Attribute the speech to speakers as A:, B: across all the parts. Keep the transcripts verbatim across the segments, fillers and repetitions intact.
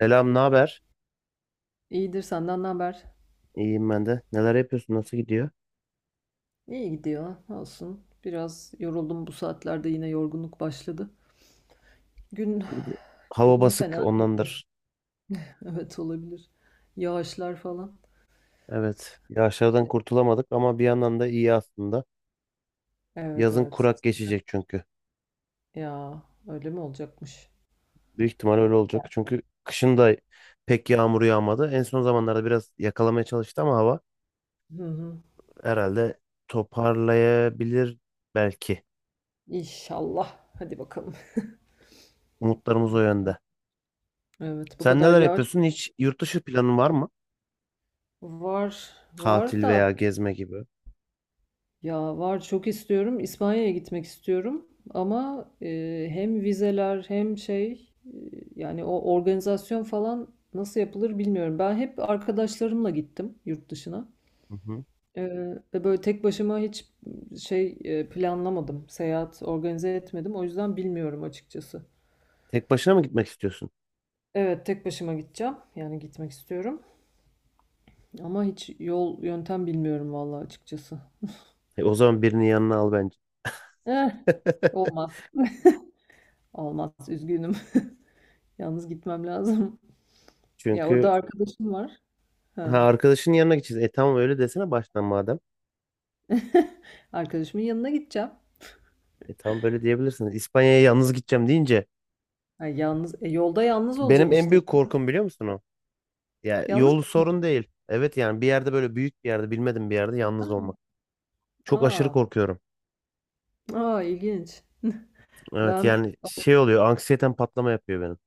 A: Selam, ne haber?
B: İyidir senden ne haber?
A: İyiyim ben de. Neler yapıyorsun? Nasıl gidiyor?
B: İyi gidiyor. Olsun. Biraz yoruldum, bu saatlerde yine yorgunluk başladı. Gün
A: Bir de hava
B: gün
A: basık
B: fena değildi.
A: ondandır.
B: Evet olabilir. Yağışlar falan.
A: Evet. Yağışlardan kurtulamadık ama bir yandan da iyi aslında.
B: Evet
A: Yazın
B: evet.
A: kurak
B: Sıcak.
A: geçecek çünkü.
B: Ya öyle mi olacakmış?
A: Büyük ihtimal öyle olacak. Çünkü kışın da pek yağmur yağmadı. En son zamanlarda biraz yakalamaya çalıştı ama hava
B: Hı hı.
A: herhalde toparlayabilir belki.
B: İnşallah. Hadi bakalım.
A: Umutlarımız o
B: Bu kadar.
A: yönde.
B: Evet bu
A: Sen
B: kadar
A: neler
B: yağış
A: yapıyorsun? Hiç yurt dışı planın var mı?
B: var var
A: Tatil
B: da
A: veya gezme gibi.
B: Ya var, çok istiyorum. İspanya'ya gitmek istiyorum. Ama e, hem vizeler hem şey e, yani o organizasyon falan nasıl yapılır bilmiyorum. Ben hep arkadaşlarımla gittim yurt dışına.
A: Hı hı.
B: E, ve böyle tek başıma hiç şey e, planlamadım. Seyahat organize etmedim. O yüzden bilmiyorum açıkçası.
A: Tek başına mı gitmek istiyorsun?
B: Evet, tek başıma gideceğim. Yani gitmek istiyorum. Ama hiç yol yöntem bilmiyorum vallahi, açıkçası.
A: E, o zaman birini yanına al bence.
B: Eh, olmaz. Olmaz, üzgünüm. Yalnız gitmem lazım. Ya
A: Çünkü
B: orada arkadaşım var.
A: ha
B: Ha.
A: arkadaşın yanına gideceğiz. E tamam öyle desene baştan madem.
B: Arkadaşımın yanına gideceğim.
A: E tamam böyle diyebilirsiniz. İspanya'ya yalnız gideceğim deyince
B: Ha, yalnız e, yolda yalnız olacağım
A: benim en
B: işte.
A: büyük korkum biliyor musun o? Ya
B: Yalnız
A: yolu
B: gitmek.
A: sorun değil. Evet yani bir yerde böyle büyük bir yerde bilmedim bir yerde yalnız olmak. Çok aşırı
B: Aa,
A: korkuyorum.
B: aa ilginç.
A: Evet
B: Ben
A: yani şey oluyor anksiyeten patlama yapıyor benim.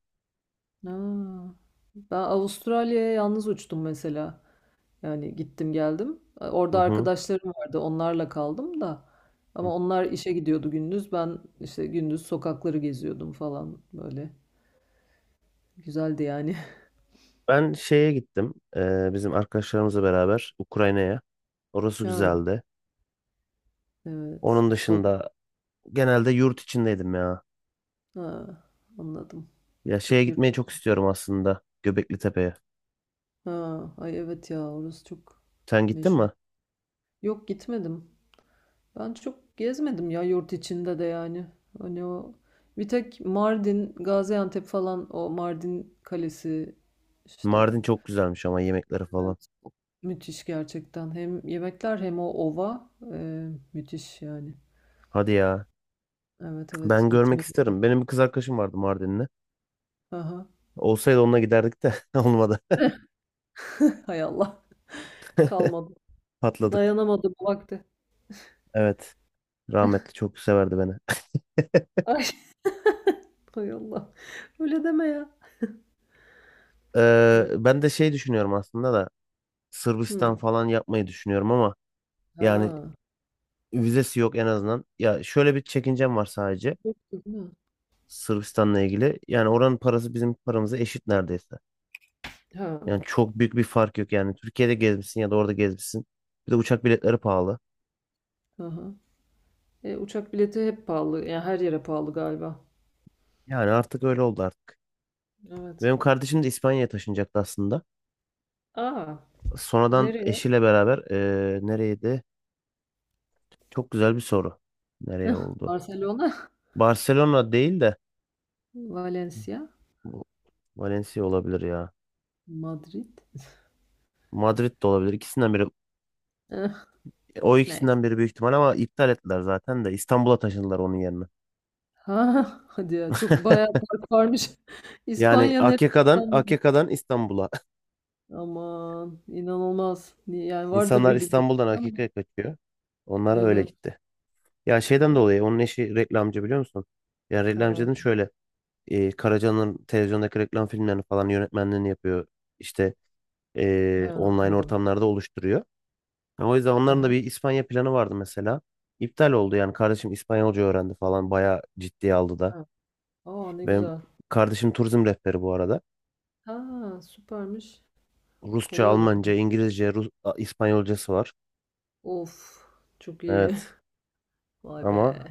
B: Aa, ben Avustralya'ya yalnız uçtum mesela. Yani gittim geldim. E,
A: Hı
B: Orada
A: hı.
B: arkadaşlarım vardı. Onlarla kaldım da. Ama onlar işe gidiyordu gündüz. Ben işte gündüz sokakları geziyordum falan böyle. Güzeldi yani.
A: Ben şeye gittim. E, bizim arkadaşlarımızla beraber Ukrayna'ya. Orası
B: Ha,
A: güzeldi.
B: evet.
A: Onun
B: Soğuk.
A: dışında genelde yurt içindeydim ya.
B: Ha, anladım.
A: Ya şeye
B: Çok,
A: gitmeyi çok istiyorum aslında. Göbekli Tepe'ye.
B: ha, ay evet ya, orası çok
A: Sen gittin
B: meşhur.
A: mi?
B: Yok, gitmedim. Ben çok gezmedim ya, yurt içinde de yani. Hani o bir tek Mardin, Gaziantep falan, o Mardin Kalesi işte.
A: Mardin çok güzelmiş ama yemekleri falan.
B: Evet. Müthiş gerçekten. Hem yemekler hem o ova, e, müthiş yani.
A: Hadi ya.
B: Evet evet,
A: Ben görmek
B: gitmeyi.
A: isterim. Benim bir kız arkadaşım vardı Mardinli.
B: Aha.
A: Olsaydı onunla giderdik de olmadı.
B: Hay Allah, kalmadı.
A: Patladık.
B: Dayanamadı bu vakti.
A: Evet. Rahmetli çok severdi beni.
B: Ay, hay Allah. Öyle deme ya.
A: Ee, ben de şey düşünüyorum aslında da Sırbistan
B: Hı.
A: falan yapmayı düşünüyorum ama yani
B: Ha.
A: vizesi yok en azından. Ya şöyle bir çekincem var sadece
B: Yoktu değil mi?
A: Sırbistan'la ilgili. Yani oranın parası bizim paramıza eşit neredeyse.
B: Ha.
A: Yani çok büyük bir fark yok yani. Türkiye'de gezmişsin ya da orada gezmişsin. Bir de uçak biletleri pahalı.
B: Hı. E, uçak bileti hep pahalı. Yani her yere pahalı galiba.
A: Yani artık öyle oldu artık.
B: Evet.
A: Benim kardeşim de İspanya'ya taşınacaktı aslında.
B: Aa,
A: Sonradan
B: nereye?
A: eşiyle beraber eee nereydi? Çok güzel bir soru. Nereye oldu?
B: Barcelona,
A: Barcelona değil de
B: Valencia,
A: bu Valencia olabilir ya.
B: Madrid.
A: Madrid de olabilir. İkisinden biri.
B: Eh,
A: O
B: neyse.
A: ikisinden biri büyük ihtimal ama iptal ettiler zaten de. İstanbul'a taşındılar onun yerine.
B: Ha, hadi ya, çok bayağı park varmış.
A: Yani
B: İspanya neresi?
A: A K K'dan A K K'dan İstanbul'a.
B: Aman inanılmaz. Ni- Yani vardır
A: İnsanlar
B: bir bildiğim
A: İstanbul'dan
B: ama.
A: A K K'ya kaçıyor. Onlar öyle
B: Evet.
A: gitti. Ya şeyden
B: Bayağı.
A: dolayı onun eşi reklamcı biliyor musun? Yani
B: Ha,
A: reklamcının şöyle e, Karaca'nın televizyondaki reklam filmlerini falan yönetmenliğini yapıyor. İşte e,
B: ha,
A: online
B: anladım.
A: ortamlarda oluşturuyor. Yani o yüzden onların da
B: Aha,
A: bir İspanya planı vardı mesela. İptal oldu yani kardeşim İspanyolca öğrendi falan bayağı ciddiye aldı da.
B: ha. Aa, ne
A: Benim
B: güzel.
A: kardeşim turizm rehberi bu arada.
B: Ha, süpermiş.
A: Rusça,
B: Kolay olur.
A: Almanca, İngilizce, Rus, A- İspanyolcası var.
B: Of, çok iyi.
A: Evet
B: Vay be.
A: ama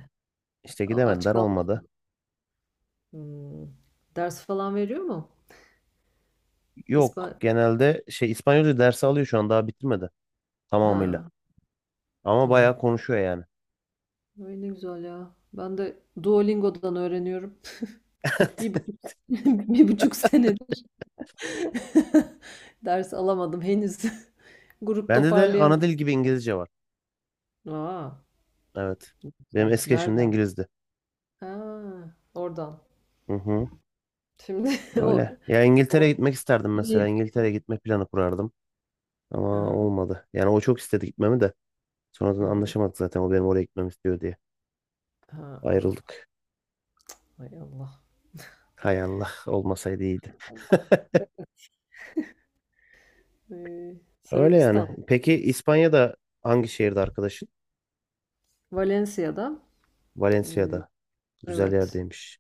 A: işte
B: A- Aç
A: gidemediler
B: kal.
A: olmadı.
B: Hımm. Ders falan veriyor mu?
A: Yok
B: İspan
A: genelde şey İspanyolca dersi alıyor şu an daha bitirmedi tamamıyla.
B: Ha,
A: Ama bayağı
B: tamam.
A: konuşuyor yani.
B: Ay, ne güzel ya. Ben de Duolingo'dan öğreniyorum. bir buçuk bir buçuk senedir ders alamadım henüz. Grup
A: Bende de ana
B: toparlayamadım.
A: dil gibi İngilizce var.
B: A!
A: Evet. Benim
B: Güzel.
A: eski eşim de
B: Nereden?
A: İngilizdi.
B: Ha, oradan.
A: Hı hı.
B: Şimdi o
A: Öyle. Ya İngiltere'ye
B: o
A: gitmek isterdim mesela. İngiltere'ye gitme planı kurardım.
B: hı
A: Ama
B: hı.
A: olmadı. Yani o çok istedi gitmemi de. Sonradan
B: Hıı.
A: anlaşamadık zaten. O benim oraya gitmemi istiyor diye.
B: Ha, ah.
A: Ayrıldık.
B: Hay Allah.
A: Hay Allah. Olmasaydı iyiydi.
B: Eee,
A: Öyle yani.
B: Sırbistan.
A: Peki
B: Siz-
A: İspanya'da hangi şehirde arkadaşın?
B: Valencia'da, eee,
A: Valencia'da. Güzel
B: evet.
A: yerdeymiş.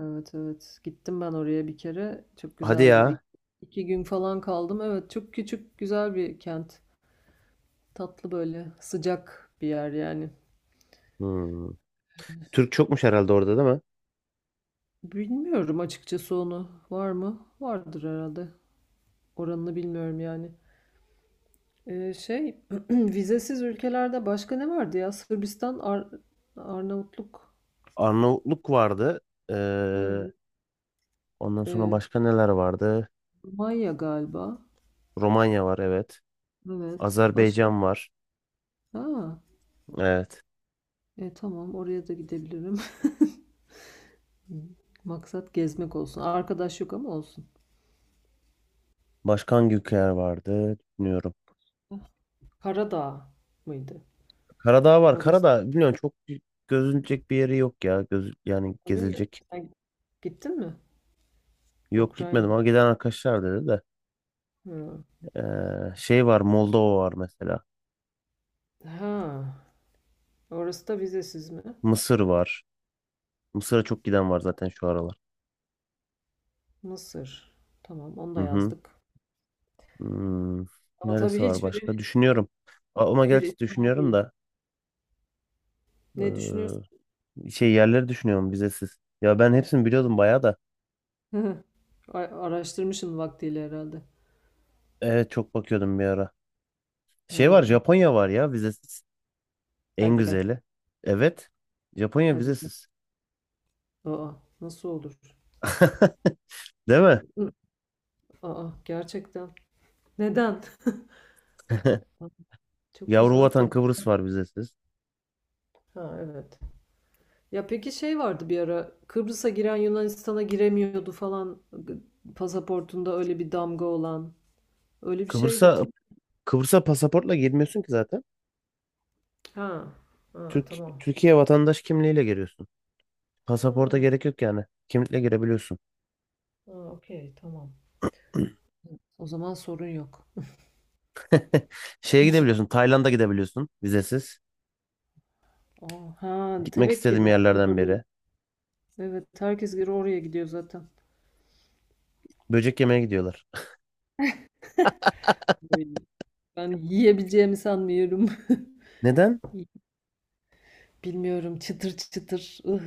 B: Evet, evet. Gittim ben oraya bir kere. Çok
A: Hadi
B: güzeldi.
A: ya.
B: İk- İki gün falan kaldım. Evet, çok küçük, güzel bir kent. Tatlı böyle, sıcak bir yer yani.
A: Hmm. Türk çokmuş herhalde orada değil mi?
B: Bilmiyorum açıkçası onu. Var mı? Vardır herhalde. Oranını bilmiyorum yani. Ee, şey, vizesiz ülkelerde başka ne vardı ya? Sırbistan, Ar- Arnavutluk,
A: Arnavutluk vardı. Ee,
B: evet.
A: Ondan sonra
B: Ee,
A: başka neler vardı?
B: Romanya galiba.
A: Romanya var evet.
B: Evet. Başka?
A: Azerbaycan var.
B: Ha.
A: Evet.
B: E, tamam, oraya da gidebilirim. Hı. Maksat gezmek olsun. Arkadaş yok ama olsun.
A: Başka hangi ülkeler vardı? Bilmiyorum.
B: Karadağ mıydı?
A: Karadağ var.
B: Orası
A: Karadağ biliyorsun çok gözülecek bir yeri yok ya. Göz, yani
B: öyle mi?
A: gezilecek.
B: Sen gittin mi?
A: Yok gitmedim
B: Ukrayna.
A: ama giden arkadaşlar dedi de.
B: Hı.
A: Ee, şey var Moldova var mesela.
B: Ha. Orası da vizesiz mi?
A: Mısır var. Mısır'a çok giden var zaten şu aralar.
B: Mısır. Tamam, onu
A: Hı
B: da
A: hı.
B: yazdık.
A: Hmm,
B: Ama tabii
A: neresi var
B: hiçbiri
A: başka? Düşünüyorum. A- Ama
B: bir
A: gerçi
B: İsrail
A: düşünüyorum
B: değil.
A: da
B: Ne düşünüyorsun?
A: ee, şey yerleri düşünüyorum vizesiz. Ya ben
B: Ha.
A: hepsini biliyordum bayağı da.
B: A- Araştırmışsın vaktiyle herhalde.
A: Evet çok bakıyordum bir ara. Şey var
B: Hı.
A: Japonya var ya vizesiz. En
B: Hadi be.
A: güzeli. Evet. Japonya
B: Hadi canım.
A: vizesiz.
B: Aa, nasıl olur?
A: Değil mi?
B: Hı. Aa, gerçekten. Neden? Çok
A: Yavru
B: güzel
A: vatan
B: tabii.
A: Kıbrıs var vizesiz.
B: Ha evet. Ya peki, şey vardı bir ara, Kıbrıs'a giren Yunanistan'a giremiyordu falan, pasaportunda öyle bir damga olan. Öyle bir şey
A: Kıbrıs'a
B: hatırlıyor.
A: Kıbrıs'a pasaportla girmiyorsun ki zaten.
B: Ha, ha
A: Türk
B: tamam.
A: Türkiye vatandaş kimliğiyle giriyorsun. Pasaporta
B: Ha,
A: gerek yok yani. Kimlikle girebiliyorsun.
B: ha okey, tamam. O zaman sorun yok.
A: Şeye gidebiliyorsun. Tayland'a gidebiliyorsun vizesiz.
B: Aa, ha
A: Gitmek istediğim
B: tevekkili. Herkes
A: yerlerden
B: oraya.
A: biri.
B: Evet, herkes geri oraya gidiyor zaten.
A: Böcek yemeye gidiyorlar.
B: Ay, ben yiyebileceğimi sanmıyorum.
A: Neden?
B: Bilmiyorum, çıtır çıtır. Ih,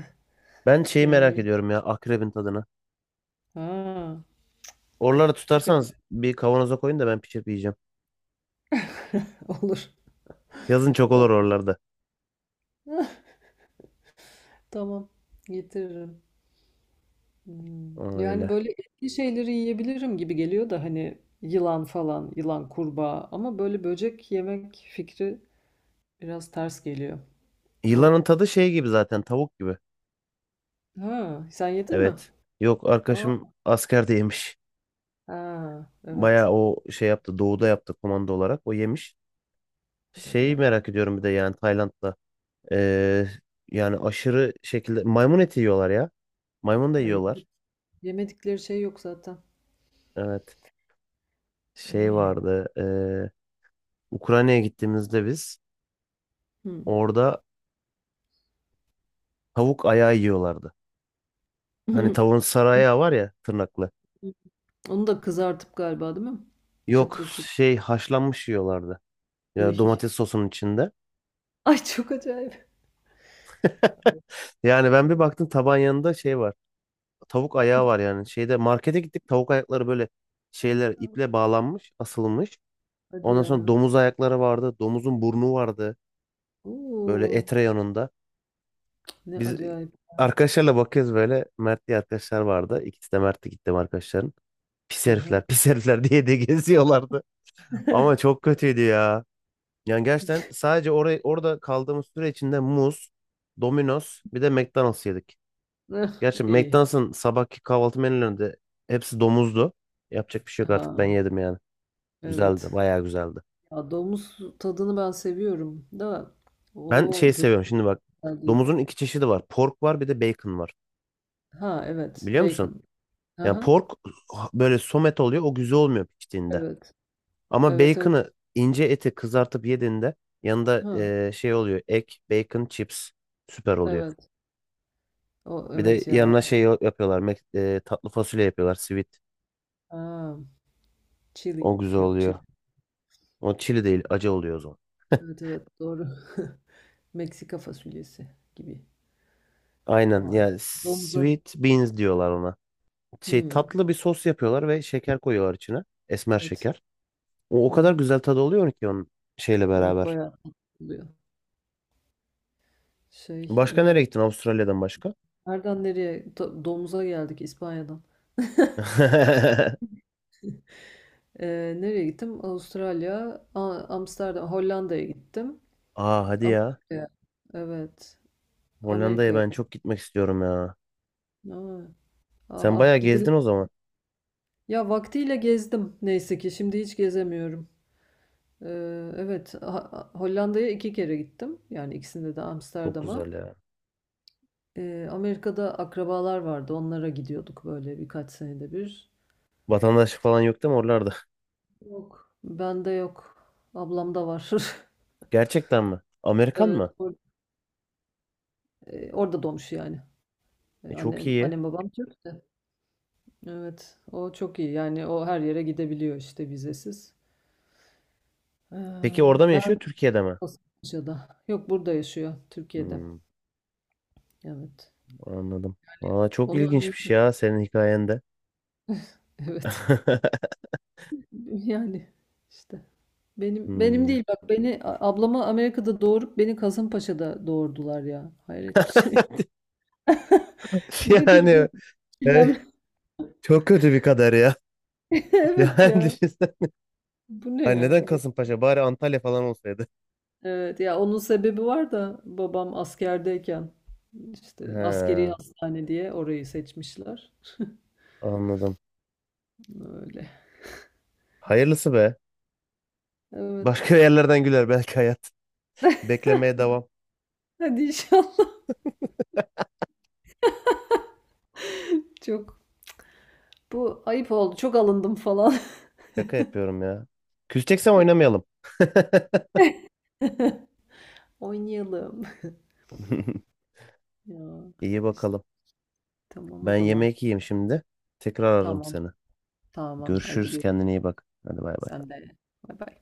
A: Ben şeyi merak
B: yani.
A: ediyorum ya akrebin tadını.
B: Ha,
A: Oraları
B: öf, çok acı.
A: tutarsanız bir kavanoza koyun da ben pişirip yiyeceğim.
B: Olur.
A: Yazın çok
B: Tamam.
A: olur oralarda.
B: Tamam. Getiririm. Hmm, yani
A: Öyle.
B: böyle etli şeyleri yiyebilirim gibi geliyor da, hani yılan falan, yılan, kurbağa, ama böyle böcek yemek fikri biraz ters geliyor. O,
A: Yılanın tadı şey gibi zaten tavuk gibi.
B: ha sen yedin mi?
A: Evet. Yok
B: Aa,
A: arkadaşım askerde yemiş.
B: ha, evet
A: Bayağı o şey yaptı. Doğuda yaptı komando olarak. O yemiş. Şeyi
B: diyor.
A: merak ediyorum bir de yani Tayland'da. Ee, Yani aşırı şekilde maymun eti yiyorlar ya. Maymun da
B: Ay, evet.
A: yiyorlar.
B: Yemedikleri şey yok zaten.
A: Evet. Şey
B: Ay.
A: vardı. ee, Ukrayna'ya gittiğimizde biz
B: Hmm.
A: orada tavuk ayağı yiyorlardı. Hani tavuğun sarı ayağı var ya tırnaklı.
B: Onu da kızartıp galiba değil mi?
A: Yok
B: Çıtır çıtır.
A: şey haşlanmış yiyorlardı. Ya
B: Ay,
A: domates sosunun içinde.
B: ay çok acayip.
A: Yani ben bir baktım taban yanında şey var. Tavuk ayağı var yani. Şeyde markete gittik tavuk ayakları böyle şeyler iple bağlanmış, asılmış.
B: Hadi
A: Ondan sonra
B: ya.
A: domuz ayakları vardı. Domuzun burnu vardı. Böyle
B: Oo,
A: et reyonunda.
B: ne
A: Biz
B: acayip.
A: arkadaşlarla bakıyoruz böyle. Mert diye arkadaşlar vardı. İkisi de Mert'ti gittim arkadaşların. Pis
B: Aha.
A: herifler, pis herifler diye de geziyorlardı. Ama çok kötüydü ya. Yani gerçekten sadece oraya, orada kaldığımız süre içinde muz, Domino's bir de McDonald's yedik. Gerçi
B: İyi.
A: McDonald's'ın sabahki kahvaltı menülerinde hepsi domuzdu. Yapacak bir şey yok
B: Ha,
A: artık ben yedim yani. Güzeldi,
B: evet.
A: bayağı güzeldi.
B: Ya domuz tadını ben seviyorum da,
A: Ben
B: o
A: şey seviyorum
B: götür
A: şimdi bak.
B: güzel değil.
A: Domuzun iki çeşidi var. Pork var bir de bacon var.
B: Ha evet.
A: Biliyor musun?
B: Bacon.
A: Yani
B: Aha.
A: pork böyle somet oluyor. O güzel olmuyor piştiğinde.
B: Evet.
A: Ama
B: Evet evet.
A: bacon'ı ince eti kızartıp yediğinde yanında
B: Ha
A: eee, şey oluyor. Ek, bacon, chips. Süper oluyor.
B: evet. O
A: Bir de
B: evet ya.
A: yanına şey yapıyorlar. Mac- eee, tatlı fasulye yapıyorlar. Sweet.
B: Ha, chili.
A: O güzel
B: Yok,
A: oluyor.
B: chili.
A: O çili değil acı oluyor o zaman.
B: Evet evet doğru. Meksika fasulyesi gibi.
A: Aynen
B: Vay.
A: yani
B: Domuza.
A: sweet beans diyorlar ona. Şey
B: Hmm,
A: tatlı bir sos yapıyorlar ve şeker koyuyorlar içine. Esmer
B: evet.
A: şeker. O, o
B: Hı
A: kadar
B: hı.
A: güzel tadı oluyor ki onun şeyle
B: Evet,
A: beraber.
B: bayağı tatlı oluyor. Şey
A: Başka
B: ne,
A: nereye gittin Avustralya'dan başka?
B: nereden nereye, Do- domuza geldik İspanya'dan. Ee, nereye gittim? Avustralya, A- Amsterdam, Hollanda'ya gittim.
A: Aa hadi ya.
B: Amerika'ya. Evet.
A: Hollanda'ya
B: Amerika'ya.
A: ben çok gitmek istiyorum ya.
B: Aa, ah
A: Sen
B: ah,
A: bayağı
B: gidilir.
A: gezdin o zaman.
B: Ya vaktiyle gezdim neyse ki. Şimdi hiç gezemiyorum. Ee, evet. Ha- Hollanda'ya iki kere gittim. Yani ikisinde de
A: Çok güzel
B: Amsterdam'a.
A: ya.
B: Ee, Amerika'da akrabalar vardı. Onlara gidiyorduk böyle birkaç senede bir.
A: Vatandaşlık
B: İşte
A: falan yok değil mi oralarda?
B: yok. Bende yok. Ablamda var.
A: Gerçekten mi? Amerikan
B: Evet.
A: mı?
B: or- e, orada doğmuş yani. E,
A: E, çok
B: Annem,
A: iyi.
B: annem babam Türk de. Evet, o çok iyi. Yani o her yere gidebiliyor işte vizesiz. Ee,
A: Peki orada mı
B: ben
A: yaşıyor Türkiye'de mi?
B: Kasımpaşa'da. Yok, burada yaşıyor, Türkiye'de.
A: Hmm,
B: Evet.
A: anladım. Valla çok
B: Onu
A: ilginçmiş
B: Amerika.
A: ya senin hikayende.
B: Evet. Yani işte benim benim
A: Hmm.
B: değil, bak, beni a- ablama Amerika'da doğurup beni Kasımpaşa'da doğurdular ya. Hayret bir şey. Nedir
A: Yani
B: bu
A: e,
B: çilem?
A: çok kötü bir kader ya.
B: Evet
A: Yani
B: ya.
A: düşünsene.
B: Bu ne
A: Ay
B: ya?
A: neden Kasımpaşa? Bari Antalya falan olsaydı.
B: Evet ya, onun sebebi var da, babam askerdeyken işte askeri
A: He,
B: hastane diye orayı seçmişler.
A: anladım.
B: Öyle.
A: Hayırlısı be.
B: Evet.
A: Başka yerlerden güler belki hayat. Beklemeye devam.
B: Hadi inşallah. Çok, bu ayıp oldu. Çok alındım falan.
A: Şaka yapıyorum ya. Küseceksem oynamayalım.
B: Oynayalım. Ya
A: İyi
B: işte
A: bakalım.
B: tamam o
A: Ben
B: zaman.
A: yemek yiyeyim şimdi. Tekrar ararım
B: Tamam.
A: seni.
B: Tamam. Haydi
A: Görüşürüz. Kendine
B: görüşürüz.
A: iyi bak. Hadi bay bay.
B: Sen de. Bay bay.